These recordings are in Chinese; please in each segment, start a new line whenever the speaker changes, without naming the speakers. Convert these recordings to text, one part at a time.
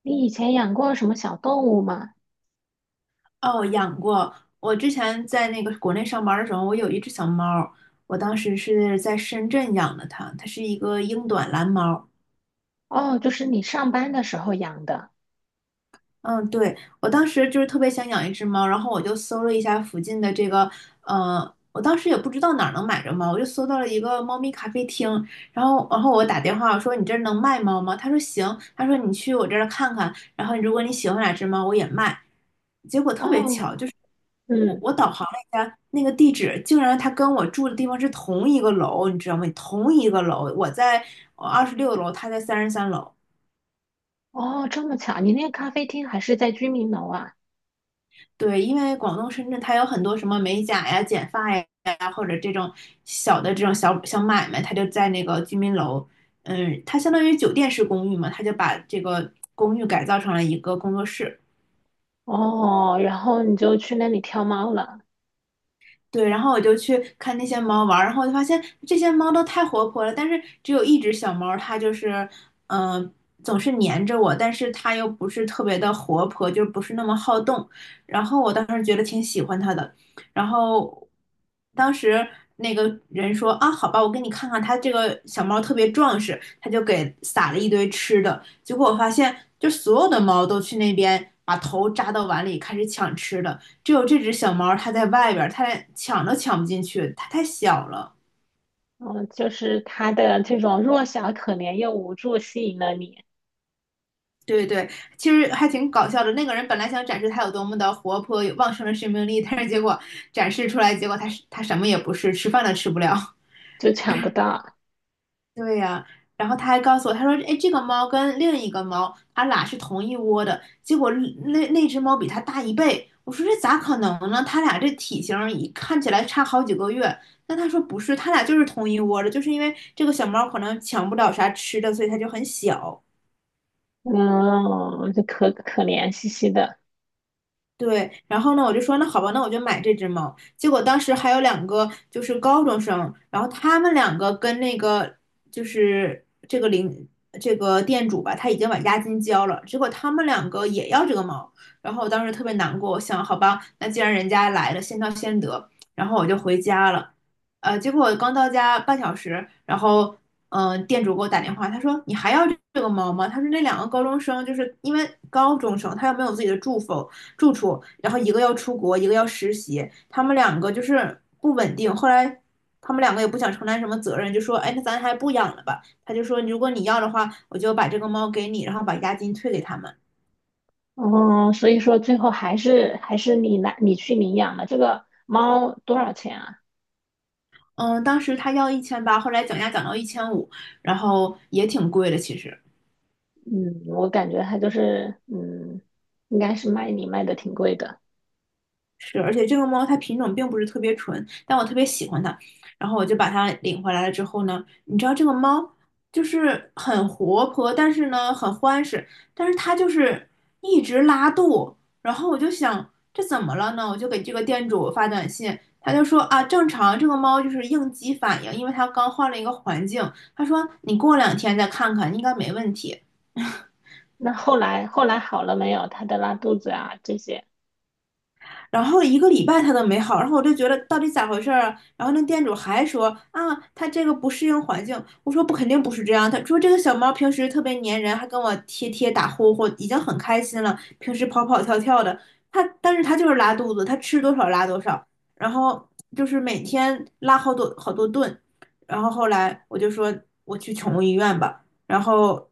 你以前养过什么小动物吗？
哦，养过。我之前在那个国内上班的时候，我有一只小猫儿。我当时是在深圳养的它，它是一个英短蓝猫。
哦，就是你上班的时候养的。
嗯，对，我当时就是特别想养一只猫，然后我就搜了一下附近的这个，我当时也不知道哪儿能买着猫，我就搜到了一个猫咪咖啡厅，然后我打电话我说你这儿能卖猫吗？他说行，他说你去我这儿看看，然后如果你喜欢哪只猫，我也卖。结果特别巧，
哦。
就是我
嗯。
我导航了一下那个地址，竟然它跟我住的地方是同一个楼，你知道吗？同一个楼，我在26楼，他在33楼。
哦，这么巧，你那个咖啡厅还是在居民楼啊？
对，因为广东深圳它有很多什么美甲呀、剪发呀，或者这种小的这种小小买卖，它就在那个居民楼，嗯，它相当于酒店式公寓嘛，它就把这个公寓改造成了一个工作室。
哦，然后你就去那里挑猫了。
对，然后我就去看那些猫玩儿，然后我就发现这些猫都太活泼了，但是只有一只小猫，它就是，嗯、总是黏着我，但是它又不是特别的活泼，就不是那么好动。然后我当时觉得挺喜欢它的，然后当时那个人说啊，好吧，我给你看看，它这个小猫特别壮实，他就给撒了一堆吃的，结果我发现，就所有的猫都去那边把头扎到碗里开始抢吃的。只有这只小猫它在外边它连抢都抢不进去，它太小了。
哦，就是它的这种弱小、可怜又无助吸引了你。
对对，其实还挺搞笑的。那个人本来想展示它有多么的活泼、有旺盛的生命力，但是结果展示出来，结果它是它什么也不是，吃饭都吃不了。
就抢不到。
对呀、然后他还告诉我，他说：“哎，这个猫跟另一个猫，它俩是同一窝的，结果那只猫比它大一倍。”我说：“这咋可能呢？它俩这体型儿一看起来差好几个月。”那他说：“不是，它俩就是同一窝的，就是因为这个小猫可能抢不了啥吃的，所以它就很小。”
嗯，就可可怜兮兮的。
对，然后呢，我就说那好吧，那我就买这只猫。结果当时还有两个就是高中生，然后他们两个跟那个就是这个领这个店主吧，他已经把押金交了，结果他们两个也要这个猫。然后我当时特别难过，我想好吧，那既然人家来了，先到先得。然后我就回家了，结果我刚到家半小时，然后店主给我打电话，他说你还要这个猫吗？他说那两个高中生就是因为高中生，他又没有自己的住房。住处，然后一个要出国，一个要实习，他们两个就是不稳定。后来他们两个也不想承担什么责任，就说：“哎，那咱还不养了吧？”他就说：“如果你要的话，我就把这个猫给你，然后把押金退给他们。”
哦，所以说最后还是你来你去领养了这个猫，多少钱啊？
嗯，当时他要1800，后来讲价讲到1500，然后也挺贵的，其实。
嗯，我感觉他就是，嗯，应该是卖你卖的挺贵的。
是，而且这个猫它品种并不是特别纯，但我特别喜欢它，然后我就把它领回来了之后呢，你知道这个猫就是很活泼，但是呢很欢实，但是它就是一直拉肚，然后我就想这怎么了呢？我就给这个店主发短信，他就说啊正常，这个猫就是应激反应，因为它刚换了一个环境，他说你过两天再看看，应该没问题。
那后来好了没有？他的拉肚子啊这些。
然后一个礼拜它都没好，然后我就觉得到底咋回事儿啊？然后那店主还说啊，它这个不适应环境。我说不，肯定不是这样。他说这个小猫平时特别粘人，还跟我贴贴打呼呼，已经很开心了。平时跑跑跳跳的，它但是它就是拉肚子，它吃多少拉多少，然后就是每天拉好多好多顿。然后后来我就说我去宠物医院吧。然后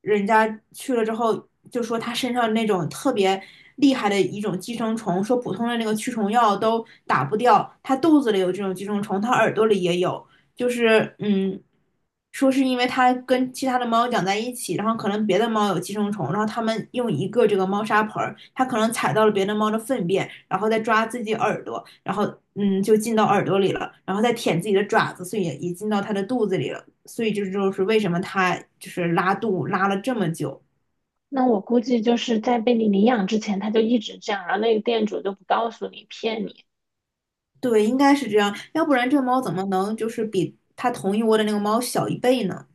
人家去了之后就说他身上那种特别厉害的一种寄生虫，说普通的那个驱虫药都打不掉，他肚子里有这种寄生虫，他耳朵里也有，就是说是因为他跟其他的猫养在一起，然后可能别的猫有寄生虫，然后他们用一个这个猫砂盆儿，它可能踩到了别的猫的粪便，然后再抓自己耳朵，然后就进到耳朵里了，然后再舔自己的爪子，所以也进到它的肚子里了。所以这就是为什么它就是拉肚拉了这么久。
那我估计就是在被你领养之前，他就一直这样，然后那个店主就不告诉你，骗你。
对，应该是这样，要不然这猫怎么能就是比它同一窝的那个猫小一倍呢？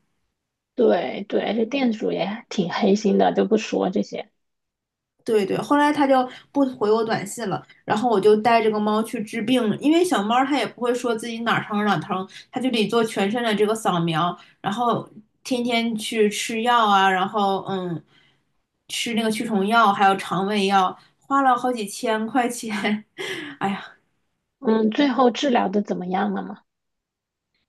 对对，而且店主也挺黑心的，就不说这些。
对对，后来它就不回我短信了，然后我就带这个猫去治病，因为小猫它也不会说自己哪儿疼哪儿疼，它就得做全身的这个扫描，然后天天去吃药啊，然后吃那个驱虫药，还有肠胃药，花了好几千块钱，哎呀，
嗯，最后治疗的怎么样了嘛？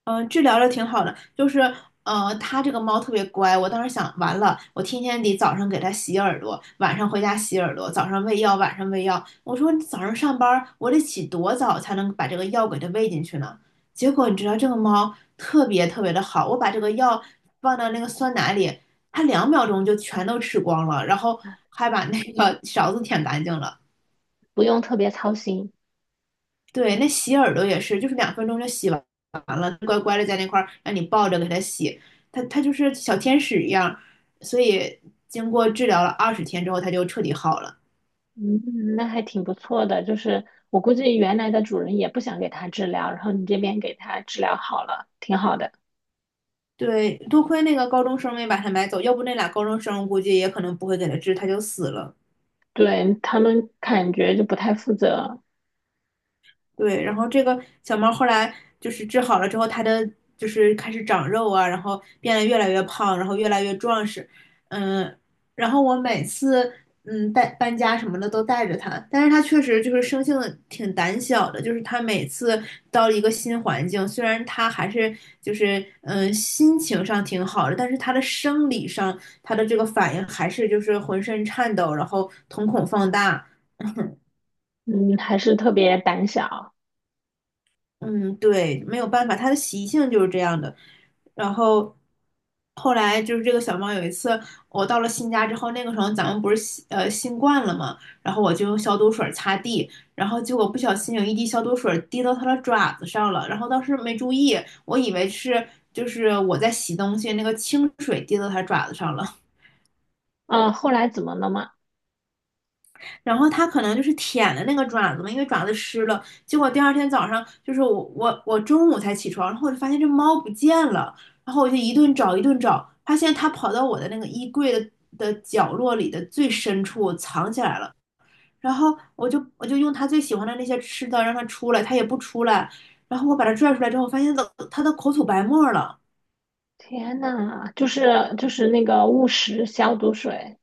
嗯，治疗的挺好的，就是它这个猫特别乖。我当时想，完了，我天天得早上给它洗耳朵，晚上回家洗耳朵，早上喂药，晚上喂药。我说你早上上班，我得起多早才能把这个药给它喂进去呢？结果你知道这个猫特别特别的好，我把这个药放到那个酸奶里，它2秒钟就全都吃光了，然后还把那个勺子舔干净了。
不用特别操心。
对，那洗耳朵也是，就是2分钟就洗完了，乖乖的在那块儿让你抱着给它洗，它就是小天使一样，所以经过治疗了20天之后，它就彻底好了。
嗯，那还挺不错的。就是我估计原来的主人也不想给他治疗，然后你这边给他治疗好了，挺好的。
对，多亏那个高中生没把它买走，要不那俩高中生估计也可能不会给它治，它就死了。
对，他们感觉就不太负责。
对，然后这个小猫后来就是治好了之后，它的就是开始长肉啊，然后变得越来越胖，然后越来越壮实，嗯，然后我每次带搬家什么的都带着它，但是它确实就是生性挺胆小的，就是它每次到了一个新环境，虽然它还是就是心情上挺好的，但是它的生理上它的这个反应还是就是浑身颤抖，然后瞳孔放大，
嗯，还是特别胆小。
嗯，对，没有办法，它的习性就是这样的。然后后来就是这个小猫有一次，我到了新家之后，那个时候咱们不是新冠了嘛，然后我就用消毒水擦地，然后结果不小心有一滴消毒水滴到它的爪子上了，然后当时没注意，我以为是就是我在洗东西，那个清水滴到它爪子上了。
啊，后来怎么了嘛？
然后它可能就是舔的那个爪子嘛，因为爪子湿了。结果第二天早上，就是我中午才起床，然后我就发现这猫不见了，然后我就一顿找一顿找，发现它跑到我的那个衣柜的角落里的最深处藏起来了。然后我就用它最喜欢的那些吃的让它出来，它也不出来。然后我把它拽出来之后，发现它的口吐白沫了。
天呐，就是那个误食消毒水。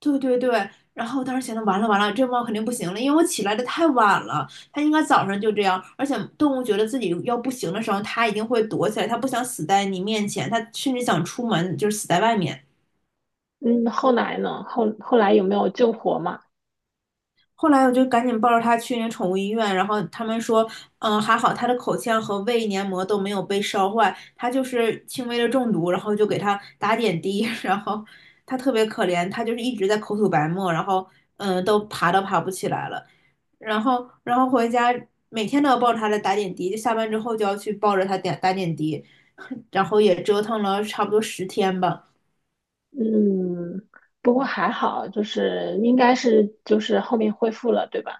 对对对，然后我当时想着完了完了，这猫肯定不行了，因为我起来的太晚了，它应该早上就这样。而且动物觉得自己要不行的时候，它一定会躲起来，它不想死在你面前，它甚至想出门，就是死在外面。
嗯，后来呢？后来有没有救活嘛？
后来我就赶紧抱着它去那宠物医院，然后他们说，嗯，还好它的口腔和胃黏膜都没有被烧坏，它就是轻微的中毒，然后就给它打点滴，然后它特别可怜，它就是一直在口吐白沫，然后嗯，都爬都爬不起来了。然后回家每天都要抱着他来打点滴，就下班之后就要去抱着他点打点滴，然后也折腾了差不多10天吧。
嗯，不过还好，就是应该是就是后面恢复了，对吧？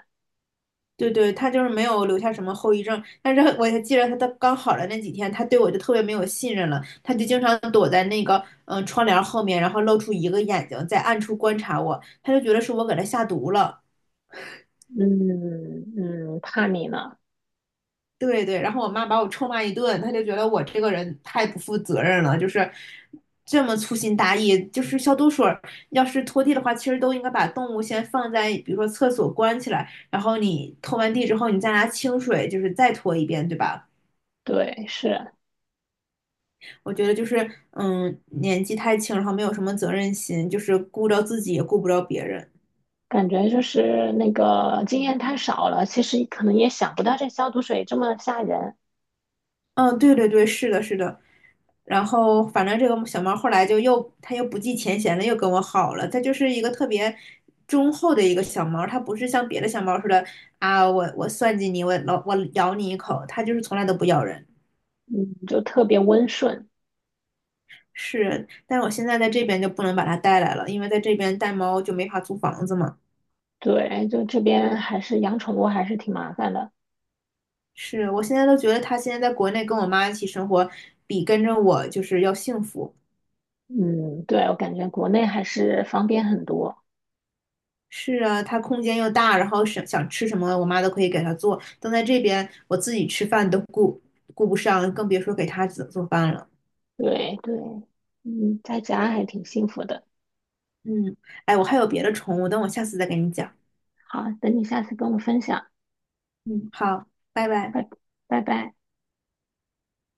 对对，他就是没有留下什么后遗症，但是我还记得他的刚好的那几天，他对我就特别没有信任了，他就经常躲在那个窗帘后面，然后露出一个眼睛，在暗处观察我，他就觉得是我给他下毒了。
嗯。嗯，怕你呢。
对对，然后我妈把我臭骂一顿，她就觉得我这个人太不负责任了，就是这么粗心大意。就是消毒水儿要是拖地的话，其实都应该把动物先放在，比如说厕所关起来，然后你拖完地之后，你再拿清水就是再拖一遍，对吧？
对，是。
我觉得就是嗯，年纪太轻，然后没有什么责任心，就是顾不着自己也顾不着别人。
感觉就是那个经验太少了，其实可能也想不到这消毒水这么吓人。
嗯，对对对，是的，是的。然后反正这个小猫后来就又它又不计前嫌了，又跟我好了。它就是一个特别忠厚的一个小猫，它不是像别的小猫似的啊，我算计你，我老咬你一口，它就是从来都不咬人。
嗯，就特别温顺。
是，但是我现在在这边就不能把它带来了，因为在这边带猫就没法租房子嘛。
对，就这边还是养宠物还是挺麻烦的。
是，我现在都觉得它现在在国内跟我妈一起生活，比跟着我就是要幸福。
嗯，对，我感觉国内还是方便很多。
是啊，它空间又大，然后想想吃什么，我妈都可以给它做。但在这边，我自己吃饭都顾不上，更别说给它做做饭了。
对对。嗯，在家还挺幸福的。
嗯，哎，我还有别的宠物，等我下次再跟你讲。
好，等你下次跟我分享。
嗯，好，拜拜。
拜拜。